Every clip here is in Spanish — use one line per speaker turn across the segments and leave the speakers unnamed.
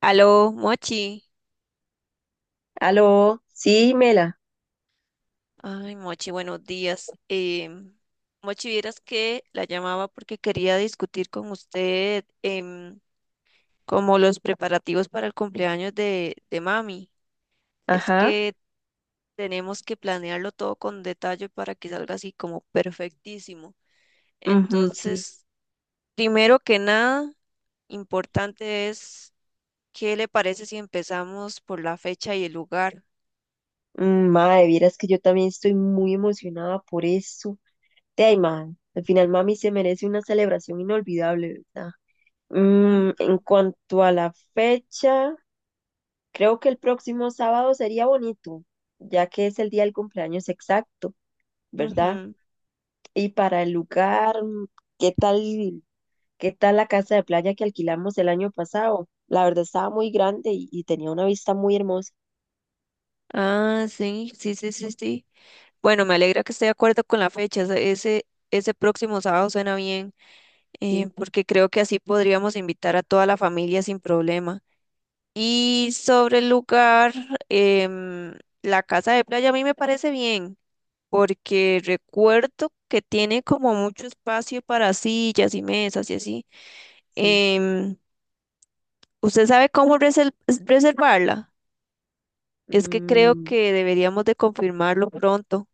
Aló, Mochi.
Aló, sí, Mela,
Ay, Mochi, buenos días. Mochi, vieras que la llamaba porque quería discutir con usted, como los preparativos para el cumpleaños de mami. Es
ajá,
que tenemos que planearlo todo con detalle para que salga así como perfectísimo.
ujú, sí.
Entonces, primero que nada, importante es, ¿qué le parece si empezamos por la fecha y el lugar?
Mae, vieras que yo también estoy muy emocionada por eso. De ahí, mae, al final mami se merece una celebración inolvidable, ¿verdad?
Mm,
En cuanto a la fecha, creo que el próximo sábado sería bonito, ya que es el día del cumpleaños exacto, ¿verdad?
ujú.
Y para el lugar, ¿qué tal, qué tal la casa de playa que alquilamos el año pasado? La verdad estaba muy grande y tenía una vista muy hermosa,
Ah, sí, sí, sí, sí, sí. Bueno, me alegra que esté de acuerdo con la fecha. Ese próximo sábado suena bien,
sí.
porque creo que así podríamos invitar a toda la familia sin problema. Y sobre el lugar, em, la casa de playa a mí me parece bien, porque recuerdo que tiene como mucho espacio para sillas y mesas y así.
Sí.
Em, ¿Usted sabe cómo reservarla? Es que creo
Mm,
que deberíamos de confirmarlo pronto.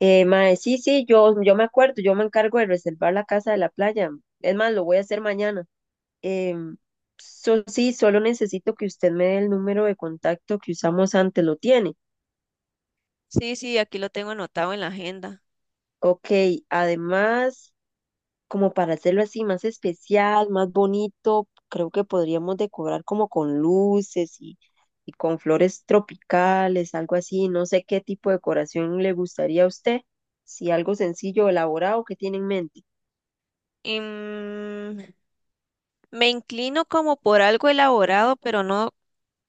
Mae, sí, sí, yo me acuerdo, yo me encargo de reservar la casa de la playa. Es más, lo voy a hacer mañana. Em, sí, solo necesito que usted me dé el número de contacto que usamos antes, ¿lo tiene?
Sí, sí, aquí lo tengo anotado en la agenda.
Ok, además, como para hacerlo así más especial, más bonito, creo que podríamos decorar como con luces y con flores tropicales, algo así. No sé qué tipo de decoración le gustaría a usted, si algo sencillo, elaborado que tiene en mente.
Em, me inclino como por algo elaborado, pero no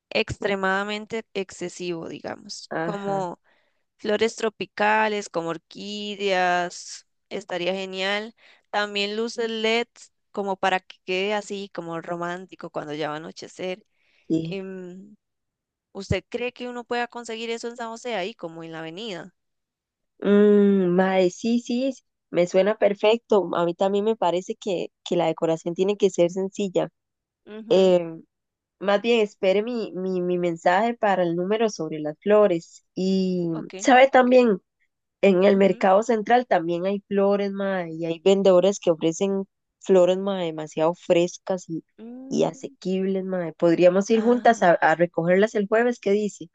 extremadamente excesivo, digamos,
Ajá,
como flores tropicales, como orquídeas, estaría genial. También luces LED, como para que quede así, como romántico cuando ya va a anochecer.
sí.
Em, ¿Usted cree que uno pueda conseguir eso en San José ahí, como en la avenida?
Mae, sí, sí, me suena perfecto. A mí también me parece que la decoración tiene que ser sencilla.
Ujú.
Eh, Más bien, espere mi mensaje para el número sobre las flores. Y,
Ok.
¿sabe también? En el
Ujú.
mercado central también hay flores, mae, y hay vendedores que ofrecen flores, mae, demasiado frescas y
Mm,
asequibles, mae. Podríamos ir juntas
ajá.
a recogerlas el jueves, ¿qué dice?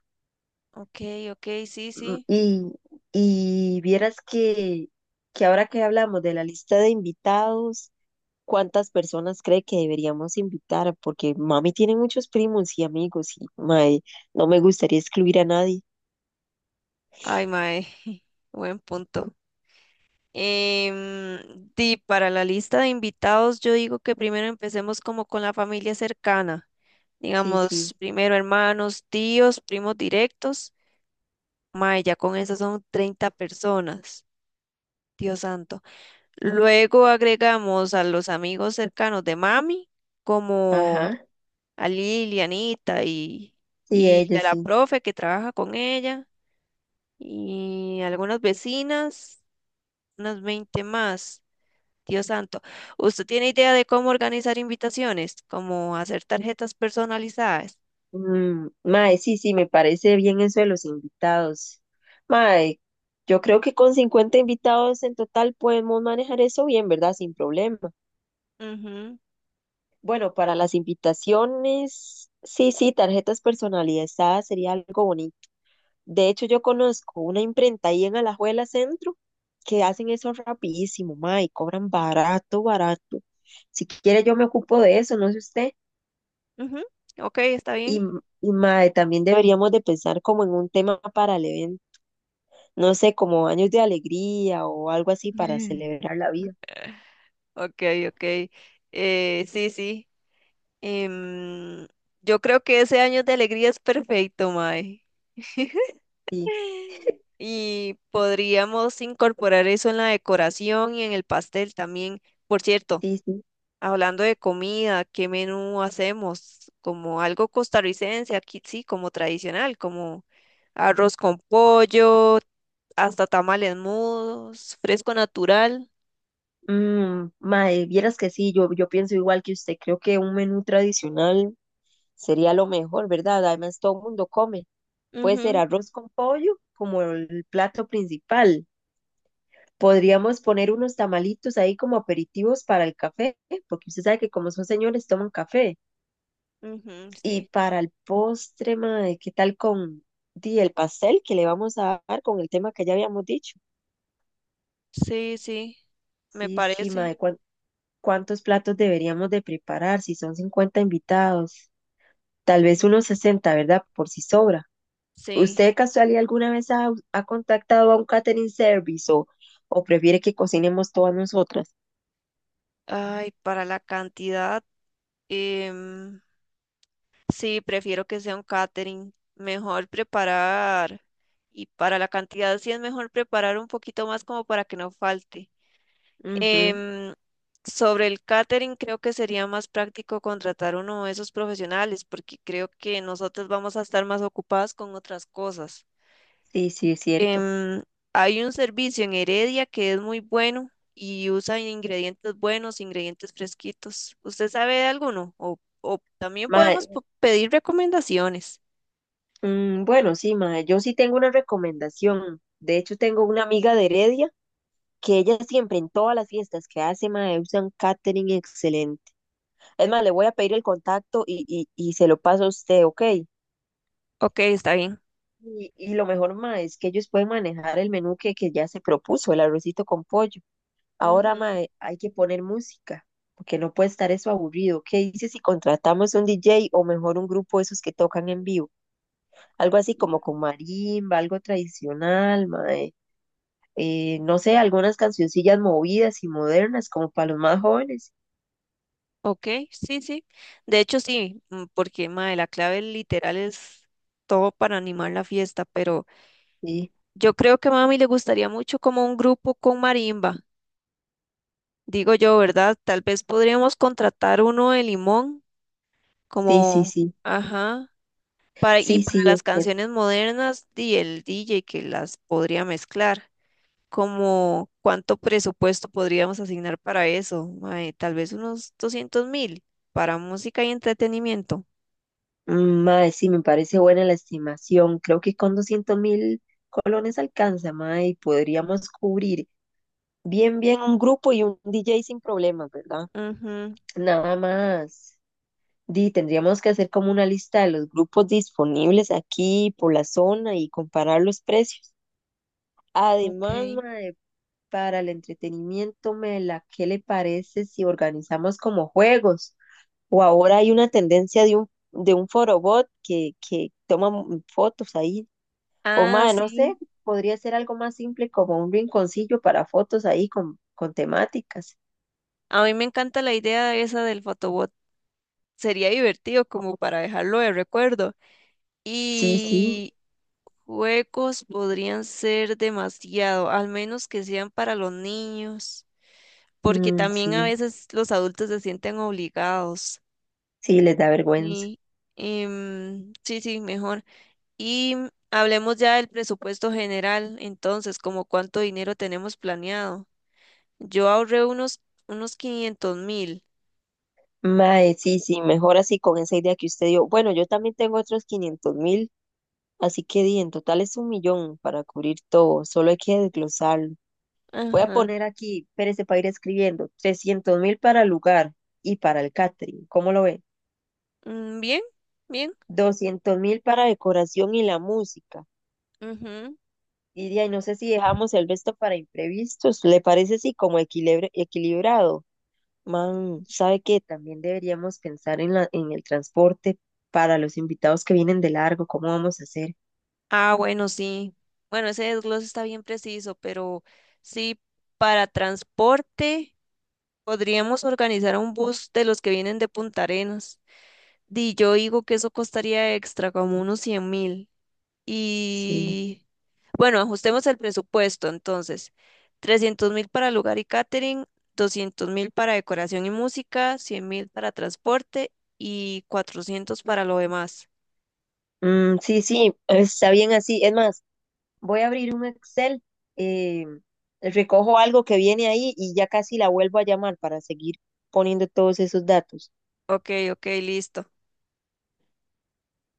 Ok, ok, sí,
Mm,
sí.
Y, y vieras que ahora que hablamos de la lista de invitados, ¿cuántas personas cree que deberíamos invitar? Porque mami tiene muchos primos y amigos y mae, no me gustaría excluir a nadie.
Ay, mae. Buen punto. Di, para la lista de invitados, yo digo que primero empecemos como con la familia cercana.
Sí, sí,
Digamos, primero hermanos, tíos, primos directos. Mae, ya con eso son 30 personas. Dios santo. Luego agregamos a los amigos cercanos de mami, como
ajá,
a Lilianita
sí,
y
ella
a la
sí.
profe que trabaja con ella y algunas vecinas, unas 20 más. Dios santo, ¿usted tiene idea de cómo organizar invitaciones? ¿Cómo hacer tarjetas personalizadas?
Mae, sí, sí, me parece bien eso de los invitados. Mae, yo creo que con 50 invitados en total podemos manejar eso bien, ¿verdad? Sin problema.
Ujú,
Bueno, para las invitaciones, sí, sí, tarjetas personalizadas sería algo bonito. De hecho, yo conozco una imprenta ahí en Alajuela Centro que hacen eso rapidísimo, ma, y cobran barato, barato. Si quiere, yo me ocupo de eso, no sé usted.
ujú. Ok, está
Y,
bien.
y ma, también deberíamos de pensar como en un tema para el evento, no sé, como años de alegría o algo así para celebrar la vida.
Ok, ok. Sí, sí. Em, yo creo que ese año de alegría es perfecto, Mae.
Sí,
Y podríamos incorporar eso en la decoración y en el pastel también. Por cierto,
sí, sí.
hablando de comida, ¿qué menú hacemos? Como algo costarricense, aquí sí, como tradicional, como arroz con pollo, hasta tamales mudos, fresco natural.
Mae, vieras que sí, yo pienso igual que usted, creo que un menú tradicional sería lo mejor, ¿verdad? Además, todo el mundo come. Puede ser
Ujú,
arroz con pollo como el plato principal. Podríamos poner unos tamalitos ahí como aperitivos para el café, porque usted sabe que como son señores toman café.
ujú,
Y
sí,
para el postre, mae, ¿qué tal con di, el pastel que le vamos a dar con el tema que ya habíamos dicho?
sí, sí, me
Sí, sí,
parece.
mae, ¿cuántos platos deberíamos de preparar si son 50 invitados? Tal vez unos 60, ¿verdad? Por si sobra.
Sí.
¿Usted de casualidad alguna vez ha contactado a un catering service o prefiere que cocinemos todas nosotras?
Ay, para la cantidad, em, sí, prefiero que sea un catering. Mejor preparar, y para la cantidad sí es mejor preparar un poquito más como para que no falte.
Ujú.
Em, sobre el catering, creo que sería más práctico contratar uno de esos profesionales, porque creo que nosotros vamos a estar más ocupadas con otras cosas.
Sí, sí, es cierto.
Em, hay un servicio en Heredia que es muy bueno y usa ingredientes buenos, ingredientes fresquitos. ¿Usted sabe de alguno? O o también podemos
Mae,
pedir recomendaciones.
bueno, sí, mae, yo sí tengo una recomendación. De hecho, tengo una amiga de Heredia que ella siempre en todas las fiestas que hace, mae, usa un catering excelente. Es más, le voy a pedir el contacto y se lo paso a usted, ¿ok?
Ok, está bien.
Y lo mejor, mae, es que ellos pueden manejar el menú que ya se propuso, el arrocito con pollo. Ahora,
Ujú.
mae, hay que poner música, porque no puede estar eso aburrido. ¿Qué dices si contratamos un DJ o mejor un grupo de esos que tocan en vivo? Algo así como con marimba, algo tradicional, mae. No sé, algunas cancioncillas movidas y modernas, como para los más jóvenes.
Ok, sí, sí. De hecho, sí, mm, porque mae, la clave literal es todo para animar la fiesta, pero
Sí,
yo creo que a mami le gustaría mucho como un grupo con marimba, digo yo, ¿verdad? Tal vez podríamos contratar uno de Limón,
sí, sí,
como,
sí.
ajá, para, y
Sí,
para
sí, es
las
cierto.
canciones modernas, di el DJ que las podría mezclar. Como cuánto presupuesto podríamos asignar para eso, mae, tal vez unos 200.000 para música y entretenimiento.
Mae, sí, me parece buena la estimación. Creo que con 200.000 colones alcanza, mae, y podríamos cubrir bien, bien un grupo y un DJ sin problemas, ¿verdad?
Ujú.
Nada más. Di, tendríamos que hacer como una lista de los grupos disponibles aquí por la zona y comparar los precios.
Ok.
Además, mae, para el entretenimiento, Mela, ¿qué le parece si organizamos como juegos? O ahora hay una tendencia de un forobot que toma fotos ahí. O
Ah,
mae, no sé,
sí.
podría ser algo más simple como un rinconcillo para fotos ahí con temáticas.
A mí me encanta la idea esa del photobot. Sería divertido como para dejarlo de recuerdo.
Sí, sí,
Y juegos podrían ser demasiado, al menos que sean para los niños, porque
mm,
también a
sí,
veces los adultos se sienten obligados.
sí, les da vergüenza.
Sí, sí, sí, mejor. Y hablemos ya del presupuesto general, entonces, como cuánto dinero tenemos planeado. Yo ahorré unos 500.000.
Mae, sí, sí, mejor así con esa idea que usted dio. Bueno, yo también tengo otros 500.000, así que di, en total es un millón para cubrir todo, solo hay que desglosarlo. Voy a
Ajá.
poner aquí, espérese para ir escribiendo, 300.000 para el lugar y para el catering, ¿cómo lo ve?
Mm, bien, bien.
200.000 para decoración y la música.
Ujú.
Y de ahí no sé si dejamos el resto para imprevistos, ¿le parece así como equilibrado? Man, ¿sabe qué? También deberíamos pensar en en el transporte para los invitados que vienen de largo, ¿cómo vamos a hacer?
Ah, bueno, sí. Bueno, ese desglose está bien preciso, pero sí, para transporte podríamos organizar un bus de los que vienen de Punta Arenas. Y yo digo que eso costaría extra, como unos 100.000.
Sí.
Y bueno, ajustemos el presupuesto entonces. 300.000 para lugar y catering, 200.000 para decoración y música, 100.000 para transporte y 400 para lo demás.
Sí, sí, está bien así. Es más, voy a abrir un Excel, eh, recojo algo que viene ahí y ya casi la vuelvo a llamar para seguir poniendo todos esos datos.
Ok, ok, listo.